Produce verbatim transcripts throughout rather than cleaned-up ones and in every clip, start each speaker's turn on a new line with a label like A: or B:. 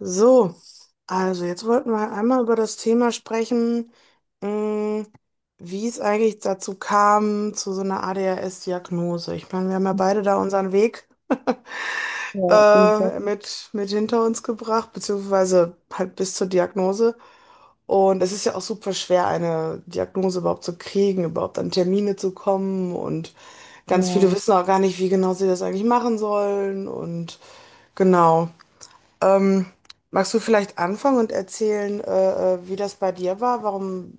A: So, also jetzt wollten wir einmal über das Thema sprechen, mh, wie es eigentlich dazu kam, zu so einer A D H S-Diagnose. Ich meine, wir haben ja beide da unseren Weg
B: Ja, auf
A: äh, mit, mit hinter uns gebracht, beziehungsweise halt bis zur Diagnose. Und es ist ja auch super schwer, eine Diagnose überhaupt zu kriegen, überhaupt an Termine zu kommen. Und ganz viele
B: Ja.
A: wissen auch gar nicht, wie genau sie das eigentlich machen sollen. Und genau. Ähm, Magst du vielleicht anfangen und erzählen, äh, äh, wie das bei dir war, warum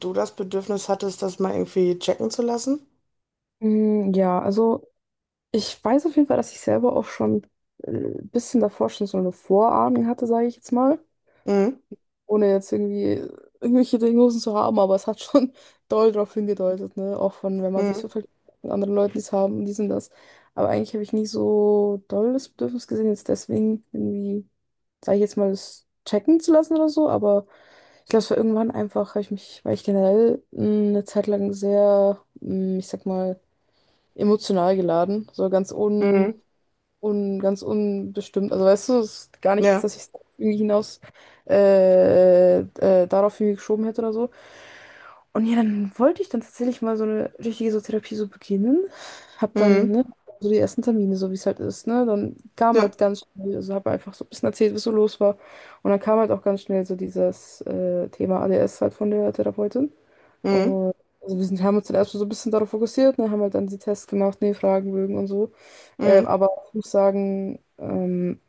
A: du das Bedürfnis hattest, das mal irgendwie checken zu lassen?
B: Mm, Ja, also ich weiß auf jeden Fall, dass ich selber auch schon äh, ein bisschen davor schon so eine Vorahnung hatte, sage ich jetzt mal.
A: Mhm.
B: Ohne jetzt irgendwie irgendwelche Diagnosen zu haben, aber es hat schon doll darauf hingedeutet, ne? Auch von, wenn man sich so
A: Mhm.
B: vergleicht mit anderen Leuten, die es haben, die sind das. Aber eigentlich habe ich nie so doll das Bedürfnis gesehen, jetzt deswegen irgendwie, sage ich jetzt mal, das checken zu lassen oder so. Aber ich glaube, es war irgendwann einfach, hab ich mich, weil ich generell mh, eine Zeit lang sehr, mh, ich sag mal, emotional geladen, so ganz un,
A: Mhm.
B: un, ganz unbestimmt. Also weißt du, es ist gar nicht jetzt,
A: Ja.
B: dass ich es irgendwie hinaus äh, äh, darauf irgendwie geschoben hätte oder so. Und ja, dann wollte ich dann tatsächlich mal so eine richtige so Therapie so beginnen. Hab dann,
A: Mhm.
B: ne, so die ersten Termine, so wie es halt ist, ne? Dann kam
A: Ja.
B: halt ganz schnell, also habe einfach so ein bisschen erzählt, was so los war. Und dann kam halt auch ganz schnell so dieses äh, Thema A D S halt von der Therapeutin.
A: Mhm.
B: Und also wir sind, haben uns dann erstmal so ein bisschen darauf fokussiert, ne, haben halt dann die Tests gemacht, ne, Fragenbögen und so. Ähm,
A: Mhm.
B: aber ich muss sagen, ähm,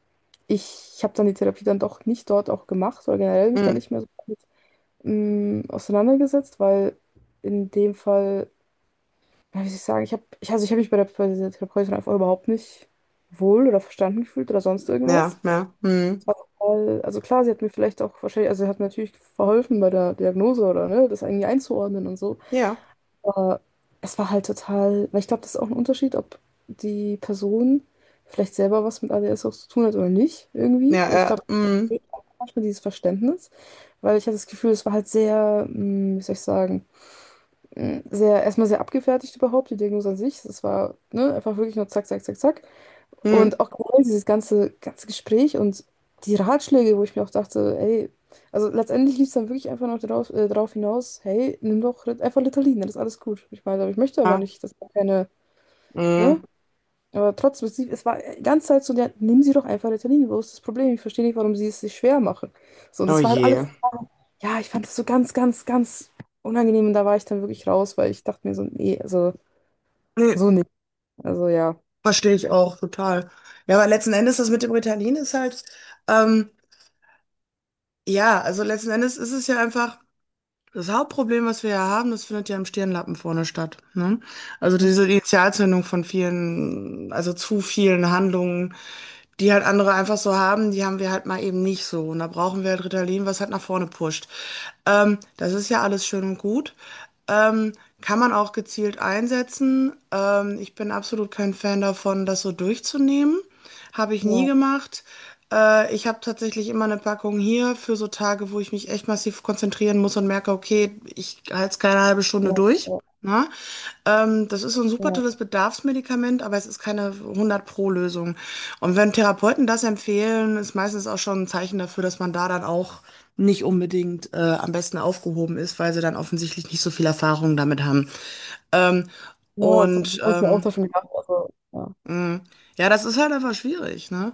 B: ich habe dann die Therapie dann doch nicht dort auch gemacht oder generell mich dann
A: Mhm.
B: nicht mehr so mh, auseinandergesetzt, weil in dem Fall, ja, wie soll ich sagen, ich habe, ich, also ich habe mich bei der, bei dieser Therapeutin einfach überhaupt nicht wohl oder verstanden gefühlt oder sonst irgendwas.
A: Ja. Ja. Mhm.
B: Es war total- Also klar, sie hat mir vielleicht auch wahrscheinlich, also sie hat natürlich verholfen bei der Diagnose oder ne, das irgendwie einzuordnen und so.
A: Ja.
B: Aber es war halt total, weil ich glaube, das ist auch ein Unterschied, ob die Person vielleicht selber was mit A D S auch zu tun hat oder nicht, irgendwie. Weil ich
A: Ja.
B: glaube,
A: Äh, mhm.
B: manchmal dieses Verständnis, weil ich hatte das Gefühl, es war halt sehr, mh, wie soll ich sagen, mh, sehr, erstmal sehr abgefertigt überhaupt, die Diagnose an sich. Es war, ne, einfach wirklich nur zack, zack, zack, zack. Und
A: Mhm.
B: auch generell dieses ganze, ganze Gespräch und die Ratschläge, wo ich mir auch dachte, ey, also letztendlich lief es dann wirklich einfach noch darauf, äh, darauf hinaus, hey, nimm doch Rit- einfach Ritalin, dann ist alles gut. Ich meine, aber ich möchte aber
A: Ah.
B: nicht, dass da keine, ne?
A: Mhm.
B: Aber trotzdem, es, es war die ganze Zeit so, ja, nehmen Sie doch einfach Ritalin, wo ist das Problem? Ich verstehe nicht, warum Sie es sich schwer machen. So, und
A: Oh
B: das war halt alles,
A: je.
B: so, ja, ich fand das so ganz, ganz, ganz unangenehm und da war ich dann wirklich raus, weil ich dachte mir so, nee, also
A: Nee,
B: so nicht. Also ja.
A: verstehe ich auch total. Ja, aber letzten Endes das mit dem Ritalin ist halt, ähm, ja, also letzten Endes ist es ja einfach. Das Hauptproblem, was wir ja haben, das findet ja im Stirnlappen vorne statt. Ne? Also diese Initialzündung von vielen, also zu vielen Handlungen, die halt andere einfach so haben, die haben wir halt mal eben nicht so. Und da brauchen wir halt Ritalin, was halt nach vorne pusht. Ähm, das ist ja alles schön und gut. Ähm, Kann man auch gezielt einsetzen. Ähm, ich bin absolut kein Fan davon, das so durchzunehmen. Habe ich nie
B: Ja,
A: gemacht. Äh, ich habe tatsächlich immer eine Packung hier für so Tage, wo ich mich echt massiv konzentrieren muss und merke, okay, ich halte es keine halbe
B: ja,
A: Stunde durch.
B: ja,
A: Ne? Ähm, das ist so 'n super tolles
B: ja.
A: Bedarfsmedikament, aber es ist keine hundert Pro Lösung. Und wenn Therapeuten das empfehlen, ist meistens auch schon ein Zeichen dafür, dass man da dann auch nicht unbedingt, äh, am besten aufgehoben ist, weil sie dann offensichtlich nicht so viel Erfahrung damit haben. Ähm,
B: Ja, das habe
A: und,
B: ich mir auch
A: ähm,
B: davon gedacht. Also, ja.
A: mhm, ja, das ist halt einfach schwierig, ne?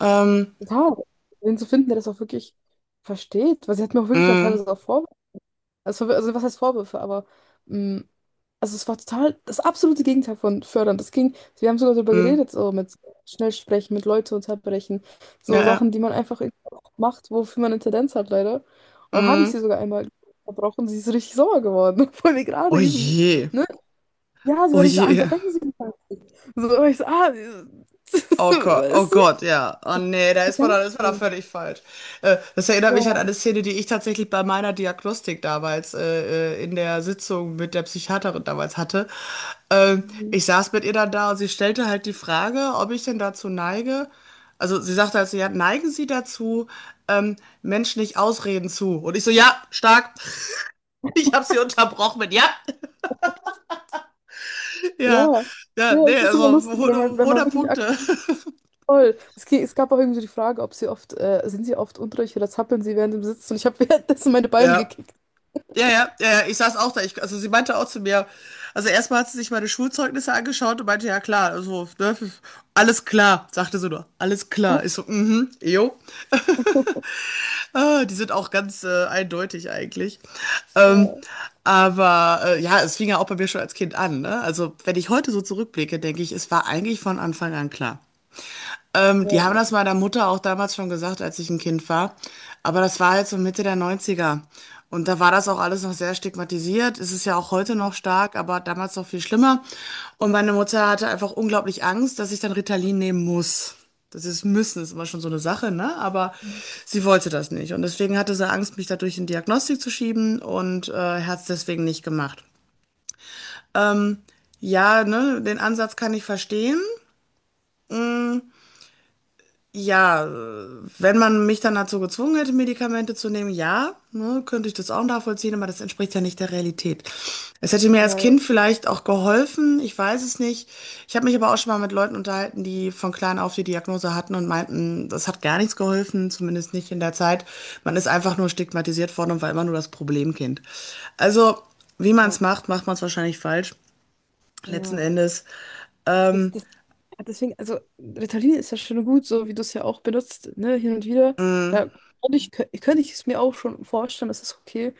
A: Ähm,
B: Total. Wen zu finden, der das auch wirklich versteht. Weil sie hat mir auch wirklich dann
A: mhm,
B: teilweise auch Vorwürfe. Also, also was heißt Vorwürfe, aber mh, also es war total das absolute Gegenteil von fördern. Das ging, wir haben sogar darüber
A: mhm,
B: geredet, so mit schnell sprechen, mit Leute unterbrechen,
A: ja,
B: so Sachen,
A: ja,
B: die man einfach irgendwie auch macht, wofür man eine Tendenz hat, leider. Und dann habe ich sie
A: mhm.
B: sogar einmal verbrochen, sie ist richtig sauer geworden, obwohl wir gerade
A: Oh
B: üben.
A: je,
B: Ne? Ja, sie war
A: oh
B: richtig so, ah,
A: je.
B: unterbrechen Sie mich mal nicht. So, aber ich so, ah,
A: Oh Gott, oh
B: weißt du?
A: Gott, ja. Oh nee, da ist man, da
B: Ganz
A: ist man da
B: schön.
A: völlig falsch. Äh, das erinnert mich an
B: Ja,
A: eine Szene, die ich tatsächlich bei meiner Diagnostik damals äh, äh, in der Sitzung mit der Psychiaterin damals hatte. Ähm,
B: mhm,
A: Ich saß mit ihr dann da und sie stellte halt die Frage, ob ich denn dazu neige. Also sie sagte halt so, ja, neigen Sie dazu, ähm, Menschen nicht Ausreden zu. Und ich so, ja, stark. Ich habe sie unterbrochen mit, ja, ja,
B: ja,
A: ja,
B: ja,
A: nee,
B: es ist immer
A: also
B: lustig, wenn man, wenn man
A: hundert
B: wirklich ak-
A: Punkte.
B: Voll. Es, ge- es gab auch irgendwie so die Frage, ob sie oft, äh, sind sie oft unruhig oder zappeln sie während dem Sitzen und ich habe währenddessen meine Beine
A: Ja.
B: gekickt.
A: Ja, ja, ja, ja, ich saß auch da. Ich, also sie meinte auch zu mir, also erstmal hat sie sich meine Schulzeugnisse angeschaut und meinte, ja klar, also, ne, alles klar, sagte sie nur, alles
B: Ja,
A: klar. Ich so, mhm, jo. Ah, die sind auch ganz äh, eindeutig eigentlich. Ähm, aber äh, ja, es fing ja auch bei mir schon als Kind an, ne? Also wenn ich heute so zurückblicke, denke ich, es war eigentlich von Anfang an klar. Ähm, die haben
B: ja,
A: das meiner Mutter auch damals schon gesagt, als ich ein Kind war. Aber das war halt so Mitte der Neunziger. Und da war das auch alles noch sehr stigmatisiert. Es ist ja auch heute noch stark, aber damals noch viel schlimmer. Und meine Mutter hatte einfach unglaublich Angst, dass ich dann Ritalin nehmen muss. Das ist müssen, ist immer schon so eine Sache, ne? Aber sie wollte das nicht. Und deswegen hatte sie Angst, mich dadurch in Diagnostik zu schieben und äh, hat es deswegen nicht gemacht. Ähm, ja, ne, den Ansatz kann ich verstehen. Ja, äh, wenn man mich dann dazu gezwungen hätte, Medikamente zu nehmen, ja, ne, könnte ich das auch nachvollziehen, aber das entspricht ja nicht der Realität. Es hätte mir als
B: ja, ja,
A: Kind vielleicht auch geholfen, ich weiß es nicht. Ich habe mich aber auch schon mal mit Leuten unterhalten, die von klein auf die Diagnose hatten und meinten, das hat gar nichts geholfen, zumindest nicht in der Zeit. Man ist einfach nur stigmatisiert worden und war immer nur das Problemkind. Also, wie man es
B: ja.
A: macht, macht man es wahrscheinlich falsch, letzten
B: Ja.
A: Endes. Ähm,
B: Ist das. Ja, deswegen, also Ritalin ist ja schon gut, so wie du es ja auch benutzt, ne, hin und wieder.
A: mh,
B: Da könnte ich, könnte ich es mir auch schon vorstellen, das ist okay.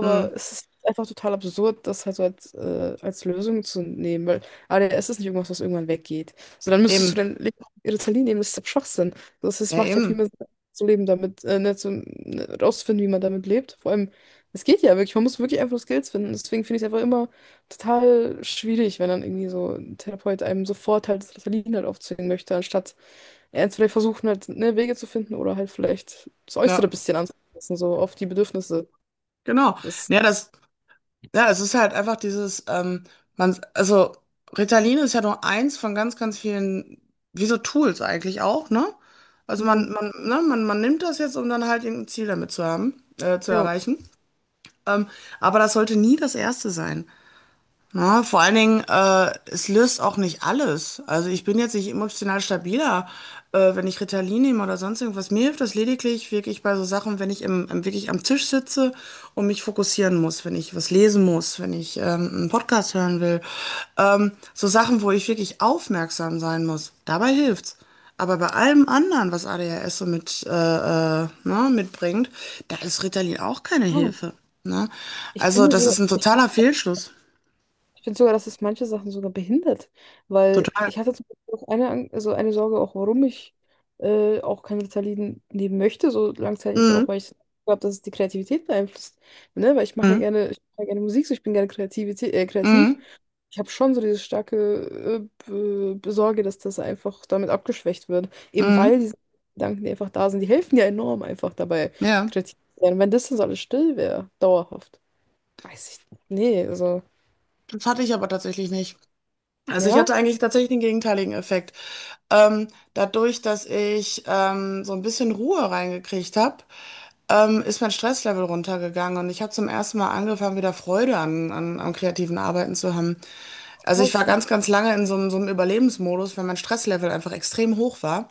A: mh,
B: es ist einfach total absurd, das halt so als, äh, als Lösung zu nehmen, weil A D S ist nicht irgendwas, was irgendwann weggeht. So, dann müsstest du
A: eben,
B: dann Le- Ritalin nehmen, das ist doch Schwachsinn. Das ist,
A: ja,
B: macht ja viel
A: eben.
B: mehr Sinn, zu leben damit, äh, ne, zu, ne, rauszufinden, wie man damit lebt. Vor allem, es geht ja wirklich, man muss wirklich einfach das Geld finden. Deswegen finde ich es einfach immer total schwierig, wenn dann irgendwie so ein Therapeut einem sofort halt das Ritalin halt aufzwingen möchte, anstatt ernst vielleicht versuchen halt ne, Wege zu finden oder halt vielleicht das Äußere ein
A: Ja.
B: bisschen anzupassen, so auf die Bedürfnisse.
A: Genau.
B: Das,
A: Ja, das, ja, es ist halt einfach dieses, ähm, man, also Ritalin ist ja nur eins von ganz, ganz vielen, wie so Tools eigentlich auch, ne? Also
B: mhm.
A: man, man, ne, man, man nimmt das jetzt, um dann halt irgendein Ziel damit zu haben, äh, zu
B: Ja.
A: erreichen. Ähm, aber das sollte nie das erste sein. Ja, vor allen Dingen, äh, es löst auch nicht alles. Also ich bin jetzt nicht emotional stabiler, äh, wenn ich Ritalin nehme oder sonst irgendwas. Mir hilft das lediglich wirklich bei so Sachen, wenn ich im, im, wirklich am Tisch sitze und mich fokussieren muss, wenn ich was lesen muss, wenn ich ähm, einen Podcast hören will. Ähm, so Sachen, wo ich wirklich aufmerksam sein muss. Dabei hilft's. Aber bei allem anderen, was A D H S so mit, äh, äh, ne, mitbringt, da ist Ritalin auch keine
B: Oh.
A: Hilfe. Ne?
B: Ich
A: Also
B: finde
A: das ist
B: so,
A: ein
B: ich,
A: totaler Fehlschluss.
B: ich finde sogar, dass es manche Sachen sogar behindert, weil
A: Total.
B: ich hatte zum Beispiel auch eine, Ang- also eine Sorge, auch warum ich äh, auch kein Ritalin nehmen möchte, so langzeitig ist
A: Mhm.
B: auch, weil ich glaube, dass es die Kreativität beeinflusst, ne? Weil ich mache ja
A: Mhm.
B: gerne, ich mache ja gerne Musik, so ich bin gerne Kreativität, äh, kreativ.
A: Mhm.
B: Ich habe schon so diese starke äh, Be- Besorge, dass das einfach damit abgeschwächt wird. Eben weil
A: Mhm.
B: diese Gedanken, die einfach da sind, die helfen ja enorm einfach dabei,
A: Ja,
B: kreativ zu sein. Wenn das dann so alles still wäre, dauerhaft, weiß ich nicht. Nee, also,
A: das hatte ich aber tatsächlich nicht. Also ich
B: ja.
A: hatte eigentlich tatsächlich den gegenteiligen Effekt. Ähm, Dadurch, dass ich ähm, so ein bisschen Ruhe reingekriegt habe, ähm, ist mein Stresslevel runtergegangen und ich habe zum ersten Mal angefangen, wieder Freude an, an, am kreativen Arbeiten zu haben. Also ich war
B: Also,
A: ganz, ganz lange in so einem, so einem Überlebensmodus, weil mein Stresslevel einfach extrem hoch war.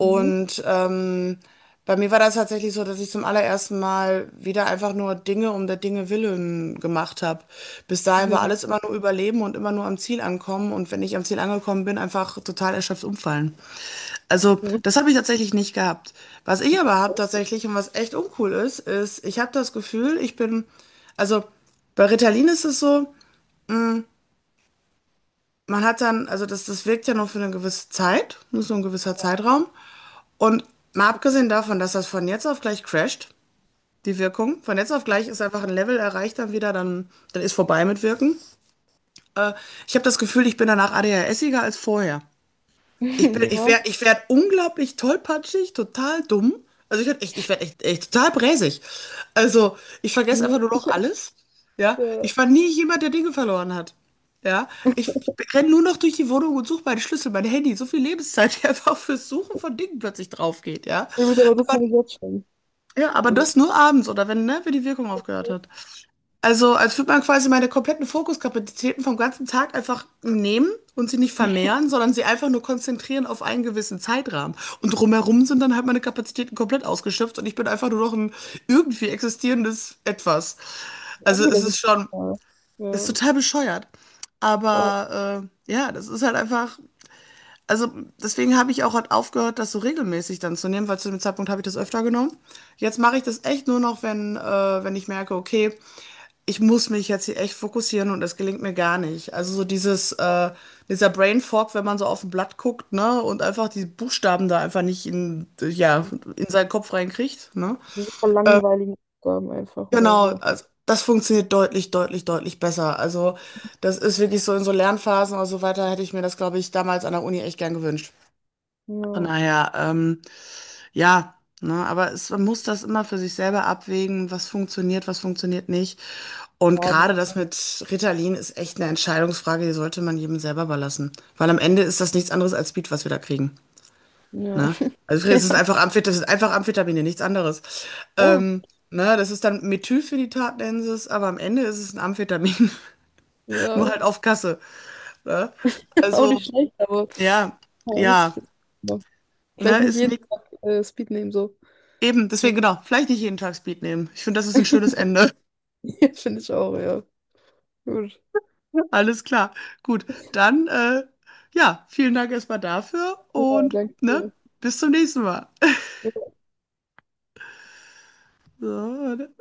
B: mhm.
A: ähm, bei mir war das tatsächlich so, dass ich zum allerersten Mal wieder einfach nur Dinge um der Dinge willen gemacht habe. Bis dahin war
B: Mhm.
A: alles immer nur Überleben und immer nur am Ziel ankommen. Und wenn ich am Ziel angekommen bin, einfach total erschöpft umfallen. Also
B: Mhm.
A: das habe ich tatsächlich nicht gehabt. Was ich aber habe
B: Okay.
A: tatsächlich und was echt uncool ist, ist, ich habe das Gefühl, ich bin, also bei Ritalin ist es so, man hat dann, also das, das wirkt ja nur für eine gewisse Zeit, nur so ein gewisser Zeitraum. Und mal abgesehen davon, dass das von jetzt auf gleich crasht, die Wirkung, von jetzt auf gleich ist einfach ein Level erreicht dann wieder, dann, dann ist vorbei mit Wirken. Äh, Ich habe das Gefühl, ich bin danach ADHSiger als vorher. Ich bin, ich
B: Ja.
A: werde ich werd unglaublich tollpatschig, total dumm. Also ich werde echt, ich werd echt, echt total bräsig. Also ich vergesse einfach nur
B: Mhm.
A: noch alles. Ja,
B: Ja. Ja.
A: ich war nie jemand, der Dinge verloren hat. Ja, ich, ich renne nur noch durch die Wohnung und suche meine Schlüssel, mein Handy, so viel Lebenszeit, die einfach fürs Suchen von Dingen plötzlich drauf geht, ja.
B: Ich muss aber das
A: Aber
B: halt jetzt schon.
A: ja, aber
B: Also,
A: das nur abends oder wenn, ne, wenn die Wirkung aufgehört hat. Also, als würde man quasi meine kompletten Fokuskapazitäten vom ganzen Tag einfach nehmen und sie nicht vermehren, sondern sie einfach nur konzentrieren auf einen gewissen Zeitrahmen. Und drumherum sind dann halt meine Kapazitäten komplett ausgeschöpft und ich bin einfach nur noch ein irgendwie existierendes Etwas.
B: auch
A: Also, es
B: wieder so.
A: ist schon,
B: Ja,
A: es ist
B: ja,
A: total bescheuert.
B: voll.
A: Aber äh, ja, das ist halt einfach. Also deswegen habe ich auch halt aufgehört, das so regelmäßig dann zu nehmen, weil zu dem Zeitpunkt habe ich das öfter genommen. Jetzt mache ich das echt nur noch, wenn, äh, wenn ich merke, okay, ich muss mich jetzt hier echt fokussieren und das gelingt mir gar nicht. Also so dieses, äh, dieser Brain Fog, wenn man so auf ein Blatt guckt, ne, und einfach die Buchstaben da einfach nicht in, ja, in seinen Kopf reinkriegt, ne.
B: Super langweiligen Aufgaben einfach oder
A: Genau,
B: so.
A: also das funktioniert deutlich, deutlich, deutlich besser. Also das ist wirklich so in so Lernphasen oder so weiter, hätte ich mir das, glaube ich, damals an der Uni echt gern gewünscht. Von
B: Ja.
A: daher, ähm, ja, ne, aber es, man muss das immer für sich selber abwägen, was funktioniert, was funktioniert nicht. Und
B: Ja, das,
A: gerade das mit Ritalin ist echt eine Entscheidungsfrage, die sollte man jedem selber überlassen. Weil am Ende ist das nichts anderes als Speed, was wir da kriegen.
B: ja.
A: Ne? Also es ist einfach Amphet das ist einfach Amphetamine, nichts anderes.
B: Ja,
A: Ähm, ne, das ist dann Methylphenidat nennen sie es, aber am Ende ist es ein Amphetamin, nur
B: ja,
A: halt auf Kasse. Ne?
B: auch
A: Also,
B: nicht schlecht, aber
A: ja,
B: ja, muss ich
A: ja,
B: jetzt mal.
A: ne,
B: Vielleicht nicht
A: ist
B: jeden
A: nicht,
B: Tag äh, Speed nehmen, so.
A: eben, deswegen genau, vielleicht nicht jeden Tag Speed nehmen. Ich finde, das ist ein schönes Ende.
B: Ja, finde ich auch, ja. Gut.
A: Alles klar. Gut, dann äh, ja, vielen Dank erstmal dafür
B: Ja,
A: und
B: danke
A: ne,
B: dir.
A: bis zum nächsten Mal. So, ne?